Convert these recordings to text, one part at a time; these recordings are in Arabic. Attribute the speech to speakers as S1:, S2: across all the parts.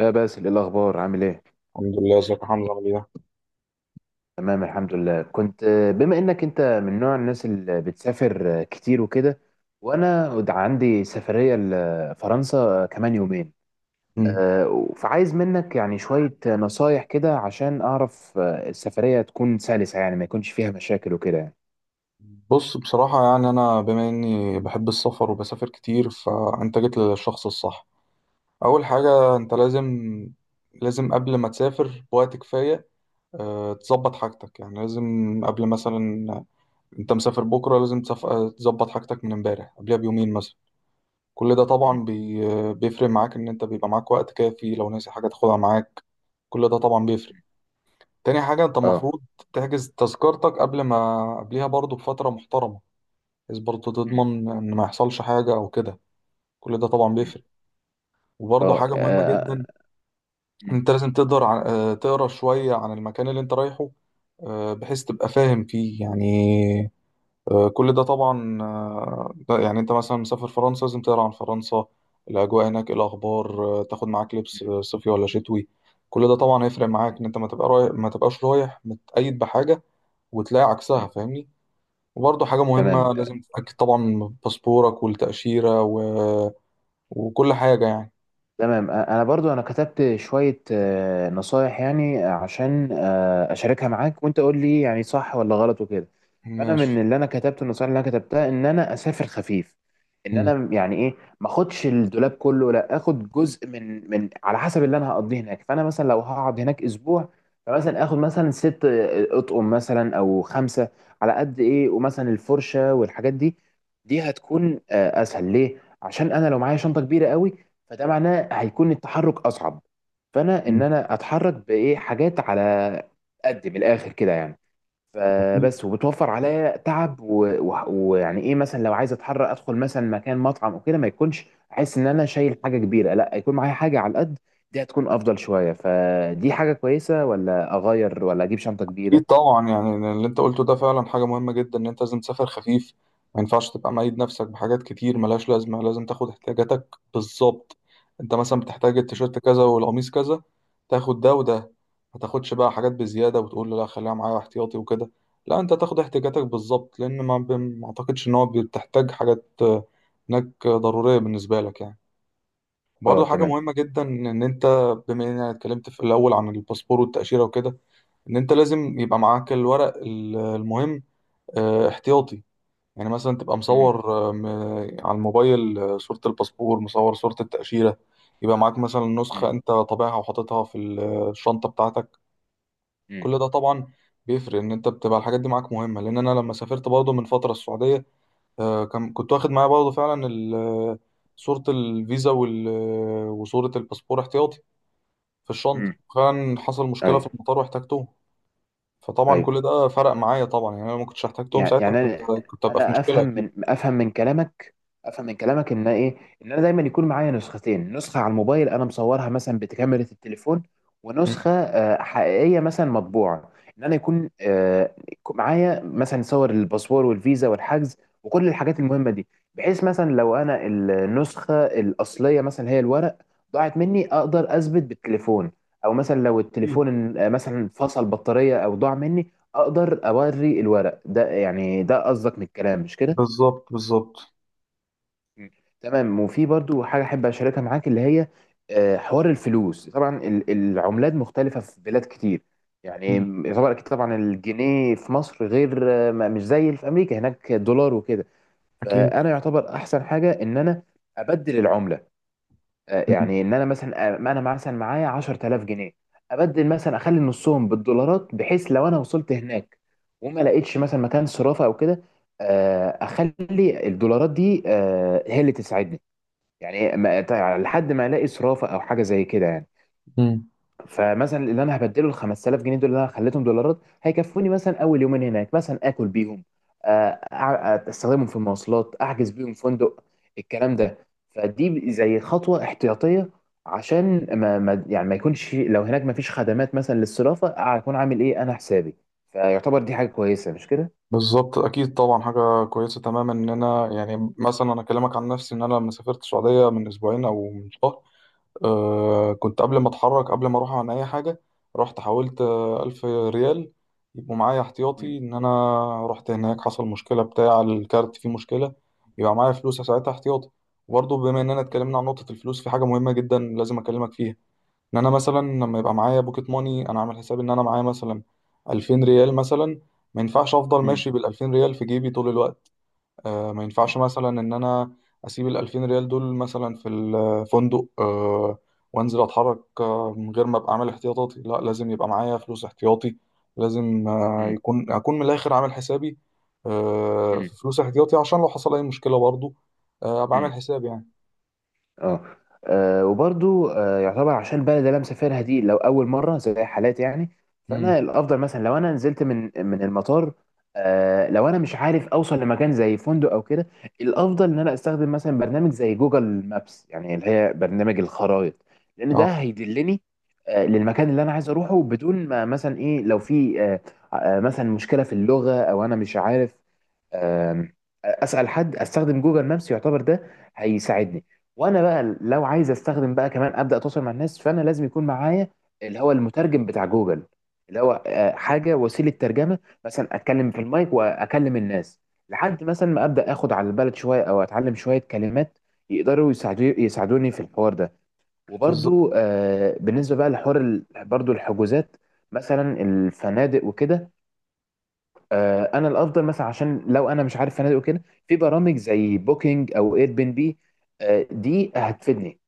S1: يا باسل، ايه الاخبار؟ عامل ايه؟
S2: الحمد لله، ازيك يا حمزة عامل ايه؟
S1: تمام، الحمد لله. كنت بما انك انت من نوع الناس اللي بتسافر كتير وكده، وانا عندي سفريه لفرنسا كمان يومين.
S2: مم.
S1: فعايز منك يعني شويه نصايح كده، عشان اعرف السفريه تكون سلسه، يعني ما يكونش فيها مشاكل وكده يعني.
S2: بص، بصراحة يعني أنا بما إني بحب السفر وبسافر كتير، فأنت جيت للشخص الصح. أول حاجة أنت لازم قبل ما تسافر بوقت كفاية تظبط حاجتك، يعني لازم قبل مثلا أنت مسافر بكرة لازم تظبط حاجتك من امبارح قبلها بيومين مثلا. كل ده
S1: مم.
S2: طبعا بي... آه، بيفرق معاك إن أنت بيبقى معاك وقت كافي لو ناسي حاجة تاخدها معاك. كل ده طبعا بيفرق. تاني حاجة انت
S1: اه.
S2: المفروض تحجز تذكرتك قبل، ما قبلها برضو بفترة محترمة، بحيث برضو
S1: مم.
S2: تضمن ان ما يحصلش حاجة او كده. كل ده طبعا
S1: مم.
S2: بيفرق.
S1: اه.
S2: وبرضو
S1: آه.
S2: حاجة مهمة
S1: آه.
S2: جدا،
S1: مم.
S2: انت لازم تقدر تقرا شوية عن المكان اللي انت رايحه، بحيث تبقى فاهم فيه يعني. كل ده طبعا، ده يعني انت مثلا مسافر فرنسا لازم تقرا عن فرنسا. الاجواء هناك إيه الاخبار؟ تاخد معاك لبس صيفي ولا شتوي. كل ده طبعا هيفرق معاك ان انت ما تبقاش رايح متقيد بحاجة وتلاقي عكسها،
S1: مم.
S2: فاهمني؟ وبرضه حاجة
S1: تمام.
S2: مهمة، لازم تتأكد طبعا من باسبورك والتأشيرة وكل حاجة يعني.
S1: تمام. انا برضو انا كتبت شوية نصايح، يعني عشان اشاركها معاك وانت قول لي يعني صح ولا غلط وكده. فانا من
S2: ماشي.
S1: اللي انا كتبته، النصايح اللي انا كتبتها، ان انا اسافر خفيف، ان
S2: مم.
S1: انا يعني ايه، ما اخدش الدولاب كله، لا اخد جزء من على حسب اللي انا هقضيه هناك. فانا مثلا لو هقعد هناك اسبوع، فمثلا اخد مثلا ست اطقم، مثلا او خمسة، على قد ايه، ومثلا الفرشة والحاجات دي. دي هتكون اسهل ليه، عشان انا لو معايا شنطة كبيرة قوي، فده معناه هيكون التحرك اصعب. فانا ان
S2: مم.
S1: انا اتحرك بايه حاجات على قد، من الاخر كده يعني. فبس، وبتوفر عليا تعب ويعني ايه، مثلا لو عايز اتحرك، ادخل مثلا مكان مطعم او كده، ما يكونش احس ان انا شايل حاجه كبيره، لا يكون معايا حاجه على قد. دي هتكون افضل شويه، فدي حاجه كويسه، ولا اغير ولا اجيب شنطه
S2: أكيد
S1: كبيره؟
S2: طبعا، يعني اللي أنت قلته ده فعلا حاجة مهمة جدا، إن أنت لازم تسافر خفيف. ما ينفعش تبقى مقيد نفسك بحاجات كتير ملهاش لازمة، لازم تاخد احتياجاتك بالظبط. أنت مثلا بتحتاج
S1: مم.
S2: التيشيرت كذا والقميص كذا، تاخد ده وده. ما تاخدش بقى حاجات بزيادة وتقول لا خليها معايا احتياطي وكده. لا، أنت تاخد احتياجاتك بالظبط، لأن ما أعتقدش إن هو بتحتاج حاجات هناك ضرورية بالنسبة لك يعني.
S1: اه،
S2: برضه حاجة
S1: تمام.
S2: مهمة جدا، إن أنت بما إننا اتكلمت في الأول عن الباسبور والتأشيرة وكده، ان انت لازم يبقى معاك الورق المهم احتياطي. يعني مثلا تبقى
S1: مم.
S2: مصور على الموبايل صورة الباسبور، مصور صورة التأشيرة. يبقى معاك مثلا
S1: مم.
S2: نسخة انت طابعها وحاططها في الشنطة بتاعتك.
S1: مم.
S2: كل ده طبعا بيفرق ان انت بتبقى الحاجات دي معاك مهمة، لان انا لما سافرت برضه من فترة السعودية، كنت واخد معايا برضه فعلا صورة الفيزا وصورة الباسبور احتياطي في
S1: مم.
S2: الشنطة. فعلا حصل مشكلة في
S1: ايوه.
S2: المطار واحتاجتهم. فطبعا
S1: ايوه.
S2: كل ده فرق معايا طبعا، يعني انا ما كنتش احتاجتهم
S1: يعني
S2: ساعتها.
S1: يعني
S2: كنت
S1: انا،
S2: كنت ابقى في
S1: أنا
S2: مشكله
S1: افهم
S2: اكيد.
S1: من افهم من كلامك، افهم من كلامك ان ايه، ان انا دايما يكون معايا نسختين، نسخه على الموبايل انا مصورها مثلا بكاميرا التليفون،
S2: مم.
S1: ونسخه حقيقيه مثلا مطبوعه. ان انا يكون يكون معايا مثلا صور الباسبور والفيزا والحجز، وكل الحاجات المهمه دي، بحيث مثلا لو انا النسخه الاصليه، مثلا هي الورق، ضاعت مني، اقدر اثبت بالتليفون. او مثلا لو
S2: اكيد.
S1: التليفون مثلا فصل بطاريه او ضاع مني، اقدر اوري الورق ده، يعني ده قصدك من الكلام مش كده؟
S2: بالظبط بالظبط.
S1: مم. تمام. وفي برضو حاجة أحب أشاركها معاك، اللي هي حوار الفلوس، طبعا العملات مختلفة في بلاد كتير يعني.
S2: مم.
S1: يعتبر أكيد طبعا الجنيه في مصر غير مش زي اللي في أمريكا، هناك دولار وكده.
S2: اكيد.
S1: فأنا يعتبر أحسن حاجة إن أنا أبدل العملة،
S2: مم.
S1: يعني إن أنا مثلا ما أنا مثلا معايا 10000 جنيه، أبدل، مثلا أخلي نصهم بالدولارات، بحيث لو أنا وصلت هناك وما لقيتش مثلا مكان صرافة أو كده، أخلي الدولارات دي هي اللي تساعدني، يعني ما تع- لحد ما الاقي صرافه او حاجه زي كده يعني.
S2: مم.
S1: فمثلا اللي انا هبدله، ال 5000 جنيه دول اللي انا خليتهم دولارات، هيكفوني مثلا اول يومين هناك، مثلا اكل بيهم، استخدمهم في المواصلات، احجز بيهم فندق، الكلام ده. فدي زي خطوه احتياطيه، عشان يعني ما يكونش لو هناك ما فيش خدمات مثلا للصرافه، اكون عامل ايه انا حسابي. فيعتبر دي حاجه كويسه مش كده؟
S2: بالظبط. اكيد طبعا، حاجه كويسه تماما، ان انا يعني مثلا انا اكلمك عن نفسي، ان انا لما سافرت السعوديه من اسبوعين او من شهر، كنت قبل ما اتحرك، قبل ما اروح عن اي حاجه، رحت حولت 1000 ريال يبقوا معايا
S1: مم.
S2: احتياطي، ان انا رحت هناك حصل مشكله بتاع الكارت، فيه مشكله يبقى معايا فلوس ساعتها احتياطي. وبرضه بما اننا
S1: مم.
S2: اتكلمنا عن نقطه الفلوس، في حاجه مهمه جدا لازم اكلمك فيها، ان انا مثلا لما يبقى معايا بوكيت ماني، انا عامل حساب ان انا معايا مثلا 2000 ريال مثلا. ما ينفعش افضل
S1: مم.
S2: ماشي بال 2000 ريال في جيبي طول الوقت. ما ينفعش مثلا ان انا اسيب ال 2000 ريال دول مثلا في الفندق، وانزل اتحرك من غير ما ابقى عامل احتياطاتي. لا، لازم يبقى معايا فلوس احتياطي. لازم، آه،
S1: مم.
S2: يكون اكون من الاخر عامل حسابي،
S1: مم.
S2: في فلوس احتياطي عشان لو حصل اي مشكلة برضو، ابقى عامل
S1: مم.
S2: حسابي يعني.
S1: اه. وبرضو يعتبر، عشان البلد اللي انا مسافرها دي لو اول مره، زي حالاتي يعني،
S2: امم.
S1: فانا الافضل مثلا لو انا نزلت من المطار، لو انا مش عارف اوصل لمكان زي فندق او كده، الافضل ان انا استخدم مثلا برنامج زي جوجل مابس، يعني اللي هي برنامج الخرائط، لان ده
S2: اه،
S1: هيدلني للمكان اللي انا عايز اروحه، بدون ما مثلا ايه، لو في مثلا مشكله في اللغه او انا مش عارف، آم، اسال حد، استخدم جوجل مابس، يعتبر ده هيساعدني. وانا بقى لو عايز استخدم بقى كمان ابدا اتواصل مع الناس، فانا لازم يكون معايا اللي هو المترجم بتاع جوجل، اللي هو حاجه، وسيله ترجمه، مثلا اتكلم في المايك واكلم الناس، لحد مثلا ما ابدا اخد على البلد شويه او اتعلم شويه كلمات يقدروا يساعدوني في الحوار ده.
S2: بالظبط.
S1: وبرضو بالنسبه بقى لحوار برضو الحجوزات، مثلا الفنادق وكده، انا الافضل مثلا عشان لو انا مش عارف فنادق وكده، في برامج زي بوكينج او اير بي ان بي، دي هتفيدني،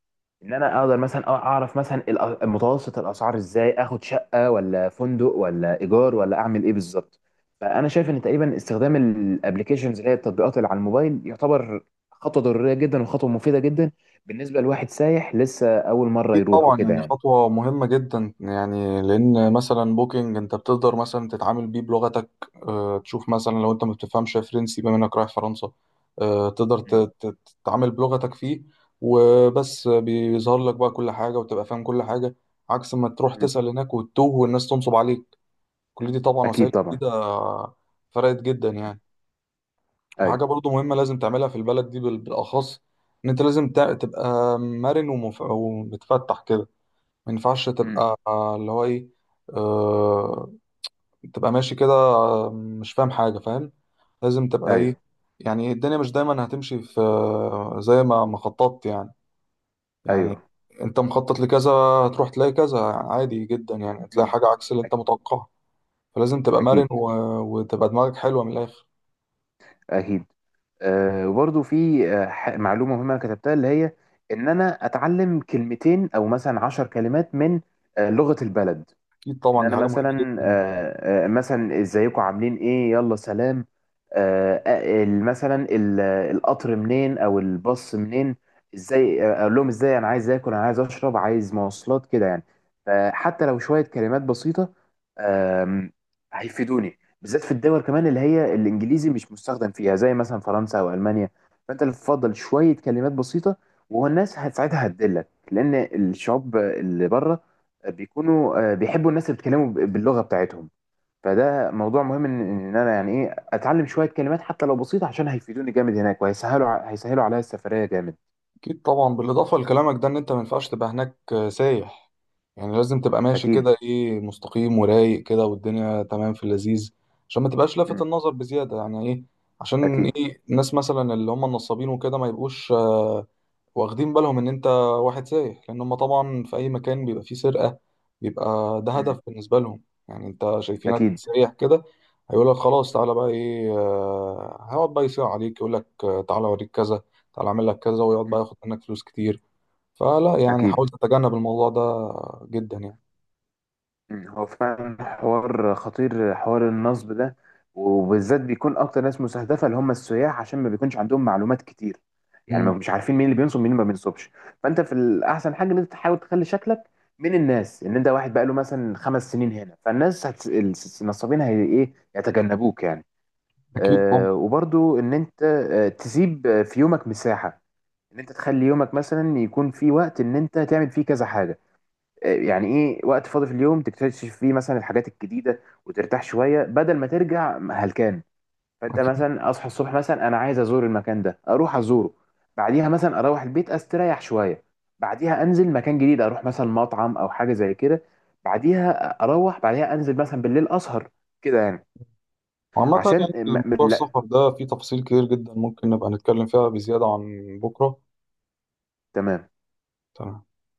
S1: ان انا اقدر مثلا اعرف مثلا متوسط الاسعار، ازاي اخد شقه ولا فندق ولا ايجار، ولا اعمل ايه بالظبط. فانا شايف ان تقريبا استخدام الابلكيشنز، اللي هي التطبيقات اللي على الموبايل، يعتبر خطوه ضروريه جدا وخطوه مفيده جدا بالنسبه لواحد سايح لسه اول مره
S2: أكيد
S1: يروح
S2: طبعا،
S1: وكده
S2: يعني
S1: يعني.
S2: خطوة مهمة جدا، يعني لأن مثلا بوكينج أنت بتقدر مثلا تتعامل بيه بلغتك. تشوف مثلا لو أنت ما بتفهمش فرنسي، بما إنك رايح فرنسا، تقدر
S1: مم.
S2: تتعامل بلغتك فيه. وبس بيظهر لك بقى كل حاجة وتبقى فاهم كل حاجة، عكس ما تروح
S1: مم.
S2: تسأل هناك وتتوه والناس تنصب عليك. كل دي طبعا وسائل
S1: اكيد طبعا.
S2: جديدة فرقت جدا
S1: مم.
S2: يعني.
S1: ايوه.
S2: وحاجة برضو مهمة لازم تعملها في البلد دي بالأخص، إن أنت لازم تبقى مرن ومتفتح كده. ما ينفعش
S1: مم.
S2: تبقى اللي هو ايه، آه، تبقى ماشي كده مش فاهم حاجة فاهم. لازم تبقى ايه؟
S1: ايوه.
S2: يعني إيه، الدنيا مش دايما هتمشي في، زي ما خططت يعني.
S1: ايوه.
S2: يعني انت مخطط لكذا، هتروح تلاقي كذا عادي جدا، يعني تلاقي
S1: مم.
S2: حاجة عكس اللي انت
S1: اكيد.
S2: متوقعها. فلازم تبقى مرن
S1: اكيد.
S2: وتبقى دماغك حلوة من الآخر.
S1: اكيد. وبرضو في معلومه مهمه انا كتبتها، اللي هي ان انا اتعلم كلمتين او مثلا 10 كلمات من لغه البلد.
S2: أكيد
S1: ان
S2: طبعا، دي
S1: انا
S2: حاجة مهمة
S1: مثلا
S2: جدا.
S1: مثلا ازيكم، عاملين ايه، يلا، سلام. آه، آه، ال- مثلا ال- القطر منين، او الباص منين، ازاي اقول لهم، ازاي انا عايز اكل، انا عايز اشرب، عايز مواصلات، كده يعني. فحتى لو شويه كلمات بسيطه، آم، هيفيدوني بالذات في الدول كمان اللي هي الانجليزي مش مستخدم فيها، زي مثلا فرنسا او المانيا. فانت اللي تفضل شويه كلمات بسيطه، والناس ساعتها هتدلك، لان الشعوب اللي بره بيكونوا بيحبوا الناس اللي بيتكلموا باللغه بتاعتهم. فده موضوع مهم، ان إن انا يعني ايه اتعلم شويه كلمات حتى لو بسيطه، عشان هيفيدوني جامد هناك، وهيسهلوا هيسهلوا عليا السفريه جامد.
S2: اكيد طبعا، بالاضافه لكلامك ده، ان انت ما ينفعش تبقى هناك سايح، يعني لازم تبقى ماشي
S1: اكيد.
S2: كده ايه، مستقيم ورايق كده، والدنيا تمام في اللذيذ، عشان ما تبقاش لافت
S1: مم.
S2: النظر بزياده، يعني ايه، عشان
S1: اكيد.
S2: ايه الناس مثلا اللي هم النصابين وكده ما يبقوش واخدين بالهم ان انت واحد سايح، لان هم طبعا في اي مكان بيبقى فيه سرقة، بيبقى ده
S1: مم.
S2: هدف بالنسبة لهم، يعني انت شايفينك
S1: اكيد.
S2: سايح كده، هيقول لك خلاص تعالى بقى ايه، هيقعد بقى يصيع عليك، يقول لك تعالى اوريك كذا، تعالى اعمل لك كذا، ويقعد
S1: مم.
S2: بقى ياخد منك فلوس كتير. فلا، يعني
S1: اكيد.
S2: حاول تتجنب الموضوع ده جدا يعني.
S1: مم. هو فعلا حوار خطير، حوار النصب ده، وبالذات بيكون اكتر ناس مستهدفه اللي هم السياح، عشان ما بيكونش عندهم معلومات كتير، يعني ما
S2: مم.
S1: مش عارفين مين اللي بينصب مين اللي ما بينصبش. فانت في، الاحسن حاجه ان انت تحاول تخلي شكلك من الناس ان انت واحد بقاله مثلا 5 سنين هنا، فالناس النصابين هي ايه يتجنبوك يعني.
S2: اكيد طبعا.
S1: وبرضو ان انت تسيب في يومك مساحه، ان انت تخلي يومك مثلا يكون في وقت ان انت تعمل فيه كذا حاجه، يعني ايه، وقت فاضي في اليوم تكتشف فيه مثلا الحاجات الجديده، وترتاح شويه بدل ما ترجع هلكان. فانت
S2: اكيد.
S1: مثلا اصحى الصبح، مثلا انا عايز ازور المكان ده، اروح ازوره. بعديها مثلا اروح البيت استريح شويه، بعديها انزل مكان جديد، اروح مثلا مطعم او حاجه زي كده، بعديها اروح، بعديها انزل مثلا بالليل اسهر، كده يعني.
S2: وعامة
S1: عشان
S2: يعني موضوع
S1: لا،
S2: السفر ده فيه تفاصيل كتير جدا، ممكن نبقى نتكلم فيها بزيادة عن بكرة.
S1: تمام.
S2: تمام.